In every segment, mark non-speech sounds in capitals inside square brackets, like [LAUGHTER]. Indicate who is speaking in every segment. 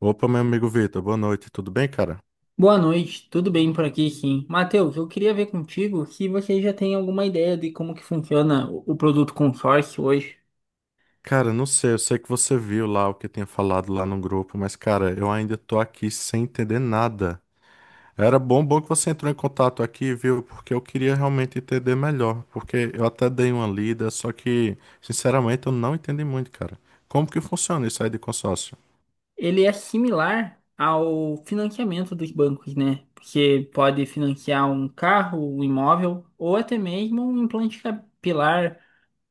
Speaker 1: Opa, meu amigo Vitor, boa noite, tudo bem, cara?
Speaker 2: Boa noite, tudo bem por aqui, sim. Matheus, eu queria ver contigo se você já tem alguma ideia de como que funciona o produto consórcio hoje.
Speaker 1: Cara, não sei, eu sei que você viu lá o que eu tinha falado lá no grupo, mas, cara, eu ainda tô aqui sem entender nada. Era bom que você entrou em contato aqui, viu? Porque eu queria realmente entender melhor, porque eu até dei uma lida, só que, sinceramente, eu não entendi muito, cara. Como que funciona isso aí de consórcio?
Speaker 2: Ele é similar ao financiamento dos bancos, né? Você pode financiar um carro, um imóvel ou até mesmo um implante capilar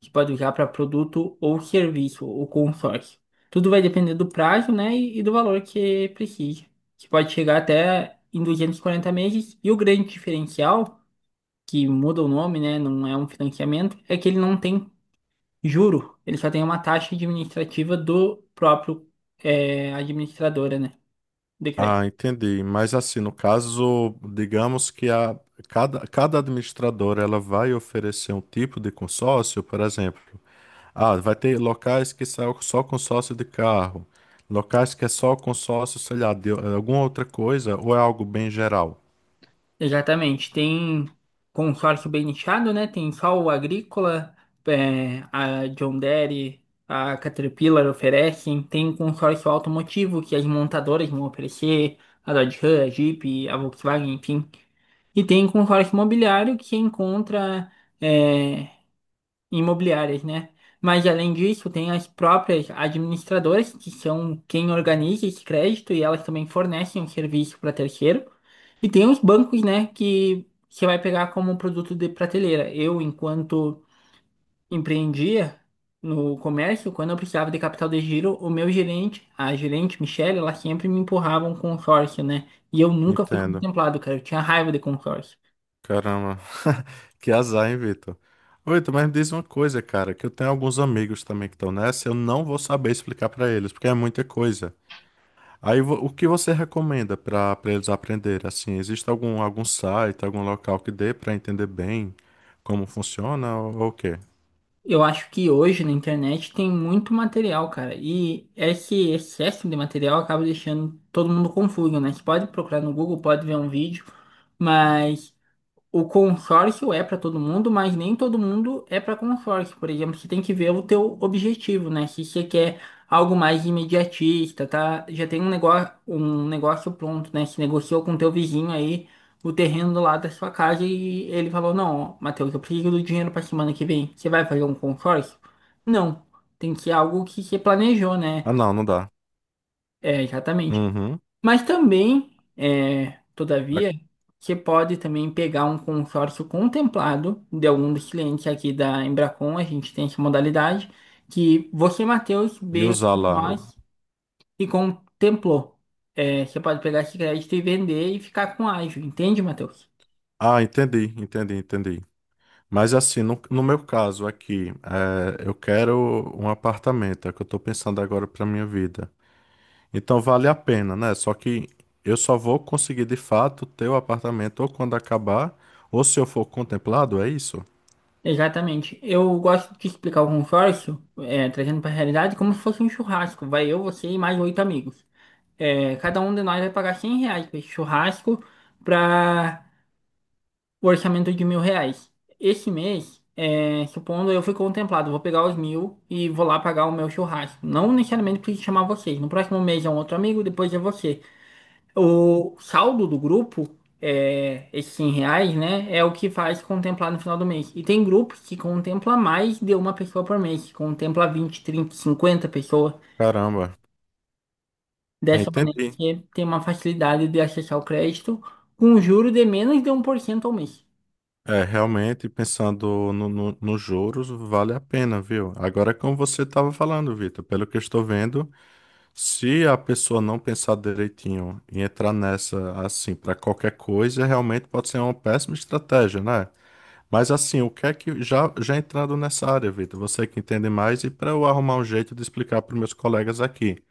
Speaker 2: que pode usar para produto ou serviço, o consórcio. Tudo vai depender do prazo, né, e do valor que precisa. Que pode chegar até em 240 meses e o grande diferencial que muda o nome, né? Não é um financiamento, é que ele não tem juro, ele só tem uma taxa administrativa do próprio, administradora, né? De crédito.
Speaker 1: Ah, entendi. Mas assim, no caso, digamos que a, cada administradora ela vai oferecer um tipo de consórcio, por exemplo. Ah, vai ter locais que são só com sócio de carro, locais que é só com sócio, sei lá, de alguma outra coisa, ou é algo bem geral?
Speaker 2: Exatamente. Tem consórcio bem nichado, né? Tem só o Agrícola, a John Deere, a Caterpillar oferecem. Tem consórcio automotivo que as montadoras vão oferecer, a Dodge Ram, a Jeep, a Volkswagen, enfim. E tem consórcio imobiliário que encontra, é, imobiliárias, né? Mas além disso, tem as próprias administradoras, que são quem organiza esse crédito e elas também fornecem um serviço para terceiro. E tem os bancos, né, que você vai pegar como produto de prateleira. Eu, enquanto empreendia no comércio, quando eu precisava de capital de giro, o meu gerente, a gerente Michelle, ela sempre me empurrava um consórcio, né? E eu nunca fui
Speaker 1: Entendo.
Speaker 2: contemplado, cara. Eu tinha raiva de consórcio.
Speaker 1: Caramba. [LAUGHS] Que azar, hein, Vitor? Ô, Vitor, mas me diz uma coisa, cara, que eu tenho alguns amigos também que estão nessa, eu não vou saber explicar pra eles, porque é muita coisa. Aí, o que você recomenda pra para eles aprenderem? Assim, existe algum, algum site, algum local que dê pra entender bem como funciona ou o quê?
Speaker 2: Eu acho que hoje na internet tem muito material, cara. E esse excesso de material acaba deixando todo mundo confuso, né? Você pode procurar no Google, pode ver um vídeo, mas. O consórcio é para todo mundo, mas nem todo mundo é para consórcio. Por exemplo, você tem que ver o teu objetivo, né? Se você quer algo mais imediatista, tá? Já tem um negócio pronto, né? Se negociou com o teu vizinho aí o terreno do lado da sua casa e ele falou: "Não, Matheus, eu preciso do dinheiro para semana que vem. Você vai fazer um consórcio?" Não, tem que ser algo que você planejou, né?
Speaker 1: Ah, não, não dá.
Speaker 2: É, exatamente.
Speaker 1: Uhum.
Speaker 2: Mas também, todavia, você pode também pegar um consórcio contemplado de algum dos clientes aqui da Embracon, a gente tem essa modalidade, que você, Matheus,
Speaker 1: E
Speaker 2: veio aqui
Speaker 1: usar
Speaker 2: com
Speaker 1: lá.
Speaker 2: nós e contemplou. É, você pode pegar esse crédito e vender e ficar com ágio, entende, Matheus?
Speaker 1: Ah, entendi, entendi, entendi. Mas assim, no meu caso aqui, é, eu quero um apartamento, é o que eu tô pensando agora pra minha vida. Então vale a pena, né? Só que eu só vou conseguir de fato ter o apartamento ou quando acabar, ou se eu for contemplado, é isso?
Speaker 2: Exatamente. Eu gosto de explicar o consórcio, trazendo para a realidade, como se fosse um churrasco. Vai eu, você e mais oito amigos. Cada um de nós vai pagar R$ 100 para esse churrasco, para o orçamento de R$ 1.000. Esse mês, supondo eu fui contemplado, vou pegar os mil e vou lá pagar o meu churrasco. Não necessariamente preciso chamar vocês. No próximo mês é um outro amigo, depois é você. O saldo do grupo, esses R$ 100, né, é o que faz contemplar no final do mês. E tem grupos que contempla mais de uma pessoa por mês, que contempla 20, 30, 50 pessoas.
Speaker 1: Caramba, é,
Speaker 2: Dessa maneira,
Speaker 1: entendi.
Speaker 2: você tem uma facilidade de acessar o crédito com um juro de menos de 1% ao mês.
Speaker 1: É, realmente, pensando nos juros, vale a pena, viu? Agora, é como você estava falando, Vitor, pelo que eu estou vendo. Se a pessoa não pensar direitinho e entrar nessa assim para qualquer coisa, realmente pode ser uma péssima estratégia, né? Mas assim, o que é que já entrando nessa área, Vitor, você que entende mais e para eu arrumar um jeito de explicar para meus colegas aqui,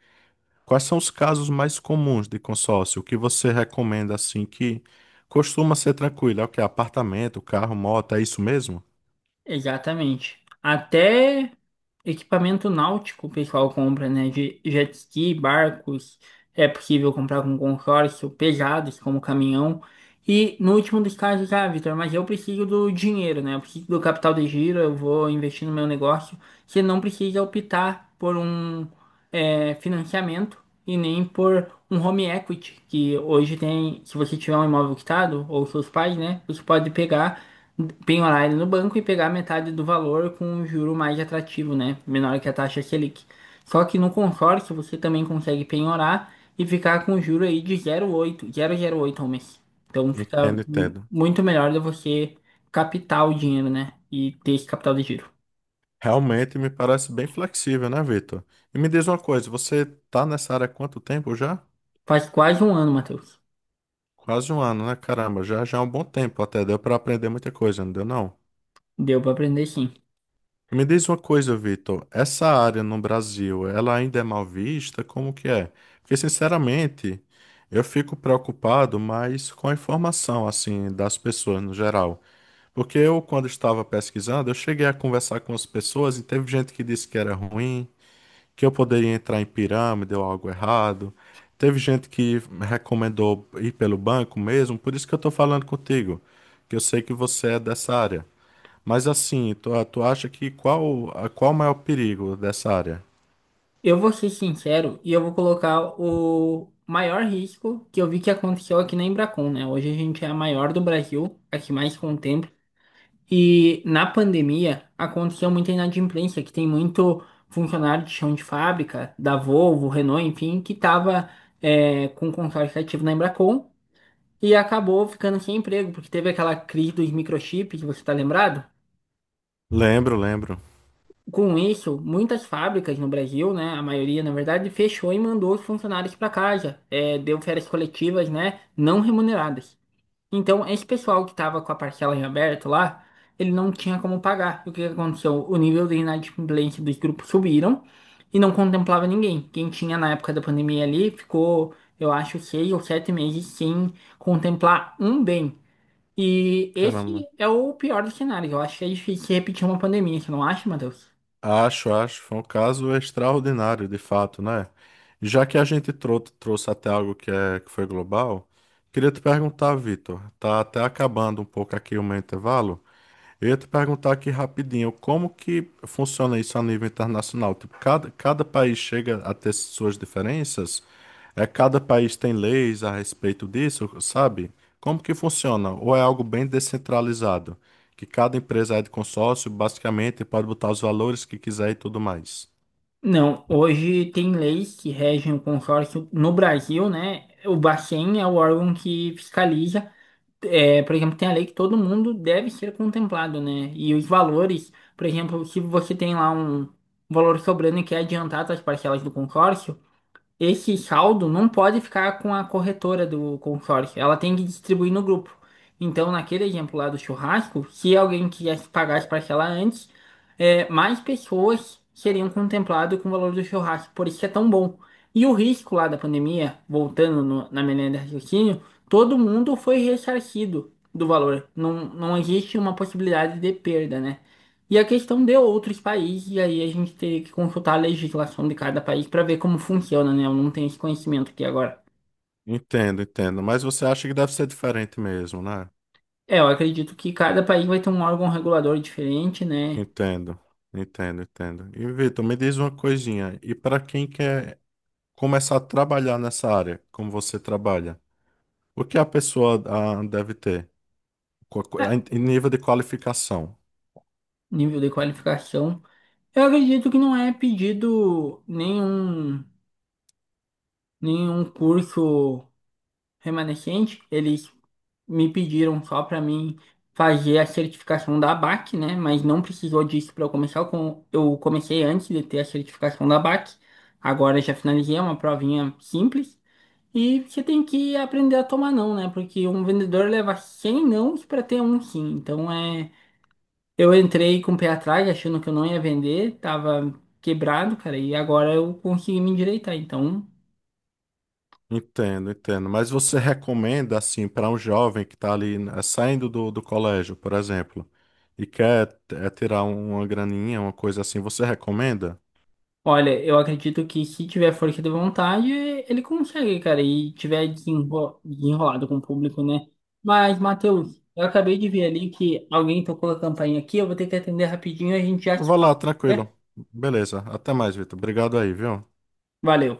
Speaker 1: quais são os casos mais comuns de consórcio? O que você recomenda assim que costuma ser tranquilo? É o que apartamento, carro, moto, é isso mesmo?
Speaker 2: Exatamente. Até equipamento náutico o pessoal compra, né? De jet ski, barcos, é possível comprar com consórcio, pesados como caminhão. E no último dos casos, ah, Vitor, mas eu preciso do dinheiro, né? Eu preciso do capital de giro, eu vou investir no meu negócio. Você não precisa optar por um, financiamento e nem por um home equity, que hoje tem, se você tiver um imóvel quitado, ou seus pais, né? Você pode pegar penhorar ele no banco e pegar metade do valor com um juro mais atrativo, né? Menor que a taxa Selic. Só que no consórcio você também consegue penhorar e ficar com um juro aí de zero zero oito, 0,08 ao mês. Então fica
Speaker 1: Entendo, entendo.
Speaker 2: muito melhor de você captar o dinheiro, né? E ter esse capital de giro.
Speaker 1: Realmente me parece bem flexível, né, Vitor? E me diz uma coisa, você tá nessa área há quanto tempo já?
Speaker 2: Faz quase um ano, Matheus.
Speaker 1: Quase um ano, né? Caramba, já é um bom tempo até, deu para aprender muita coisa, não deu não?
Speaker 2: Deu para aprender sim.
Speaker 1: E me diz uma coisa, Vitor, essa área no Brasil, ela ainda é mal vista? Como que é? Porque, sinceramente, eu fico preocupado mais com a informação, assim, das pessoas no geral. Porque eu, quando estava pesquisando, eu cheguei a conversar com as pessoas e teve gente que disse que era ruim, que eu poderia entrar em pirâmide ou algo errado. Teve gente que recomendou ir pelo banco mesmo, por isso que eu estou falando contigo, que eu sei que você é dessa área. Mas assim, tu acha que qual, qual o maior perigo dessa área?
Speaker 2: Eu vou ser sincero e eu vou colocar o maior risco que eu vi que aconteceu aqui na Embracon, né? Hoje a gente é a maior do Brasil, a que mais contém. E na pandemia aconteceu muita inadimplência, que tem muito funcionário de chão de fábrica, da Volvo, Renault, enfim, que estava com consórcio ativo na Embracon e acabou ficando sem emprego, porque teve aquela crise dos microchips, você está lembrado?
Speaker 1: Lembro, lembro.
Speaker 2: Com isso, muitas fábricas no Brasil, né, a maioria na verdade, fechou e mandou os funcionários para casa. É, deu férias coletivas, né, não remuneradas. Então, esse pessoal que tava com a parcela em aberto lá, ele não tinha como pagar. E o que que aconteceu? O nível de inadimplência dos grupos subiram e não contemplava ninguém. Quem tinha na época da pandemia ali ficou, eu acho, 6 ou 7 meses sem contemplar um bem. E
Speaker 1: Caramba.
Speaker 2: esse é o pior dos cenários. Eu acho que é difícil repetir uma pandemia, você não acha, Matheus?
Speaker 1: Acho, acho. Foi um caso extraordinário, de fato, né? Já que a gente trouxe até algo que, é, que foi global, queria te perguntar, Vitor, tá até acabando um pouco aqui o meu intervalo. Eu ia te perguntar aqui rapidinho, como que funciona isso a nível internacional? Tipo, cada país chega a ter suas diferenças? É, cada país tem leis a respeito disso, sabe? Como que funciona? Ou é algo bem descentralizado? Que cada empresa é de consórcio, basicamente, pode botar os valores que quiser e tudo mais.
Speaker 2: Não, hoje tem leis que regem o consórcio no Brasil, né? O Bacen é o órgão que fiscaliza. É, por exemplo, tem a lei que todo mundo deve ser contemplado, né? E os valores, por exemplo, se você tem lá um valor sobrando e quer adiantar as parcelas do consórcio, esse saldo não pode ficar com a corretora do consórcio, ela tem que distribuir no grupo. Então, naquele exemplo lá do churrasco, se alguém quisesse pagar as parcelas antes, mais pessoas seriam contempladas com o valor do churrasco, por isso que é tão bom. E o risco lá da pandemia, voltando na menina de raciocínio, todo mundo foi ressarcido do valor. Não, não existe uma possibilidade de perda, né? E a questão de outros países, e aí a gente teria que consultar a legislação de cada país para ver como funciona, né? Eu não tenho esse conhecimento aqui agora.
Speaker 1: Entendo, entendo. Mas você acha que deve ser diferente mesmo, né?
Speaker 2: É, eu acredito que cada país vai ter um órgão regulador diferente, né?
Speaker 1: Entendo, entendo, entendo. E Vitor, me diz uma coisinha. E para quem quer começar a trabalhar nessa área, como você trabalha, o que a pessoa deve ter
Speaker 2: É,
Speaker 1: em nível de qualificação?
Speaker 2: Nível de qualificação. Eu acredito que não é pedido nenhum curso remanescente. Eles me pediram só para mim fazer a certificação da ABAC, né? Mas não precisou disso para eu começar. Eu comecei antes de ter a certificação da ABAC. Agora eu já finalizei é uma provinha simples. E você tem que aprender a tomar não, né? Porque um vendedor leva 100 nãos para ter um sim. Então é. Eu entrei com o pé atrás, achando que eu não ia vender, tava quebrado, cara, e agora eu consegui me endireitar. Então.
Speaker 1: Entendo, entendo. Mas você recomenda, assim, para um jovem que está ali né, saindo do colégio, por exemplo, e quer tirar uma graninha, uma coisa assim, você recomenda?
Speaker 2: Olha, eu acredito que se tiver força de vontade, ele consegue, cara, e tiver desenrolado com o público, né? Mas, Matheus, eu acabei de ver ali que alguém tocou a campainha aqui, eu vou ter que atender rapidinho, a gente já se
Speaker 1: Vá
Speaker 2: fala,
Speaker 1: lá,
Speaker 2: né?
Speaker 1: tranquilo. Beleza. Até mais, Vitor. Obrigado aí, viu?
Speaker 2: Valeu.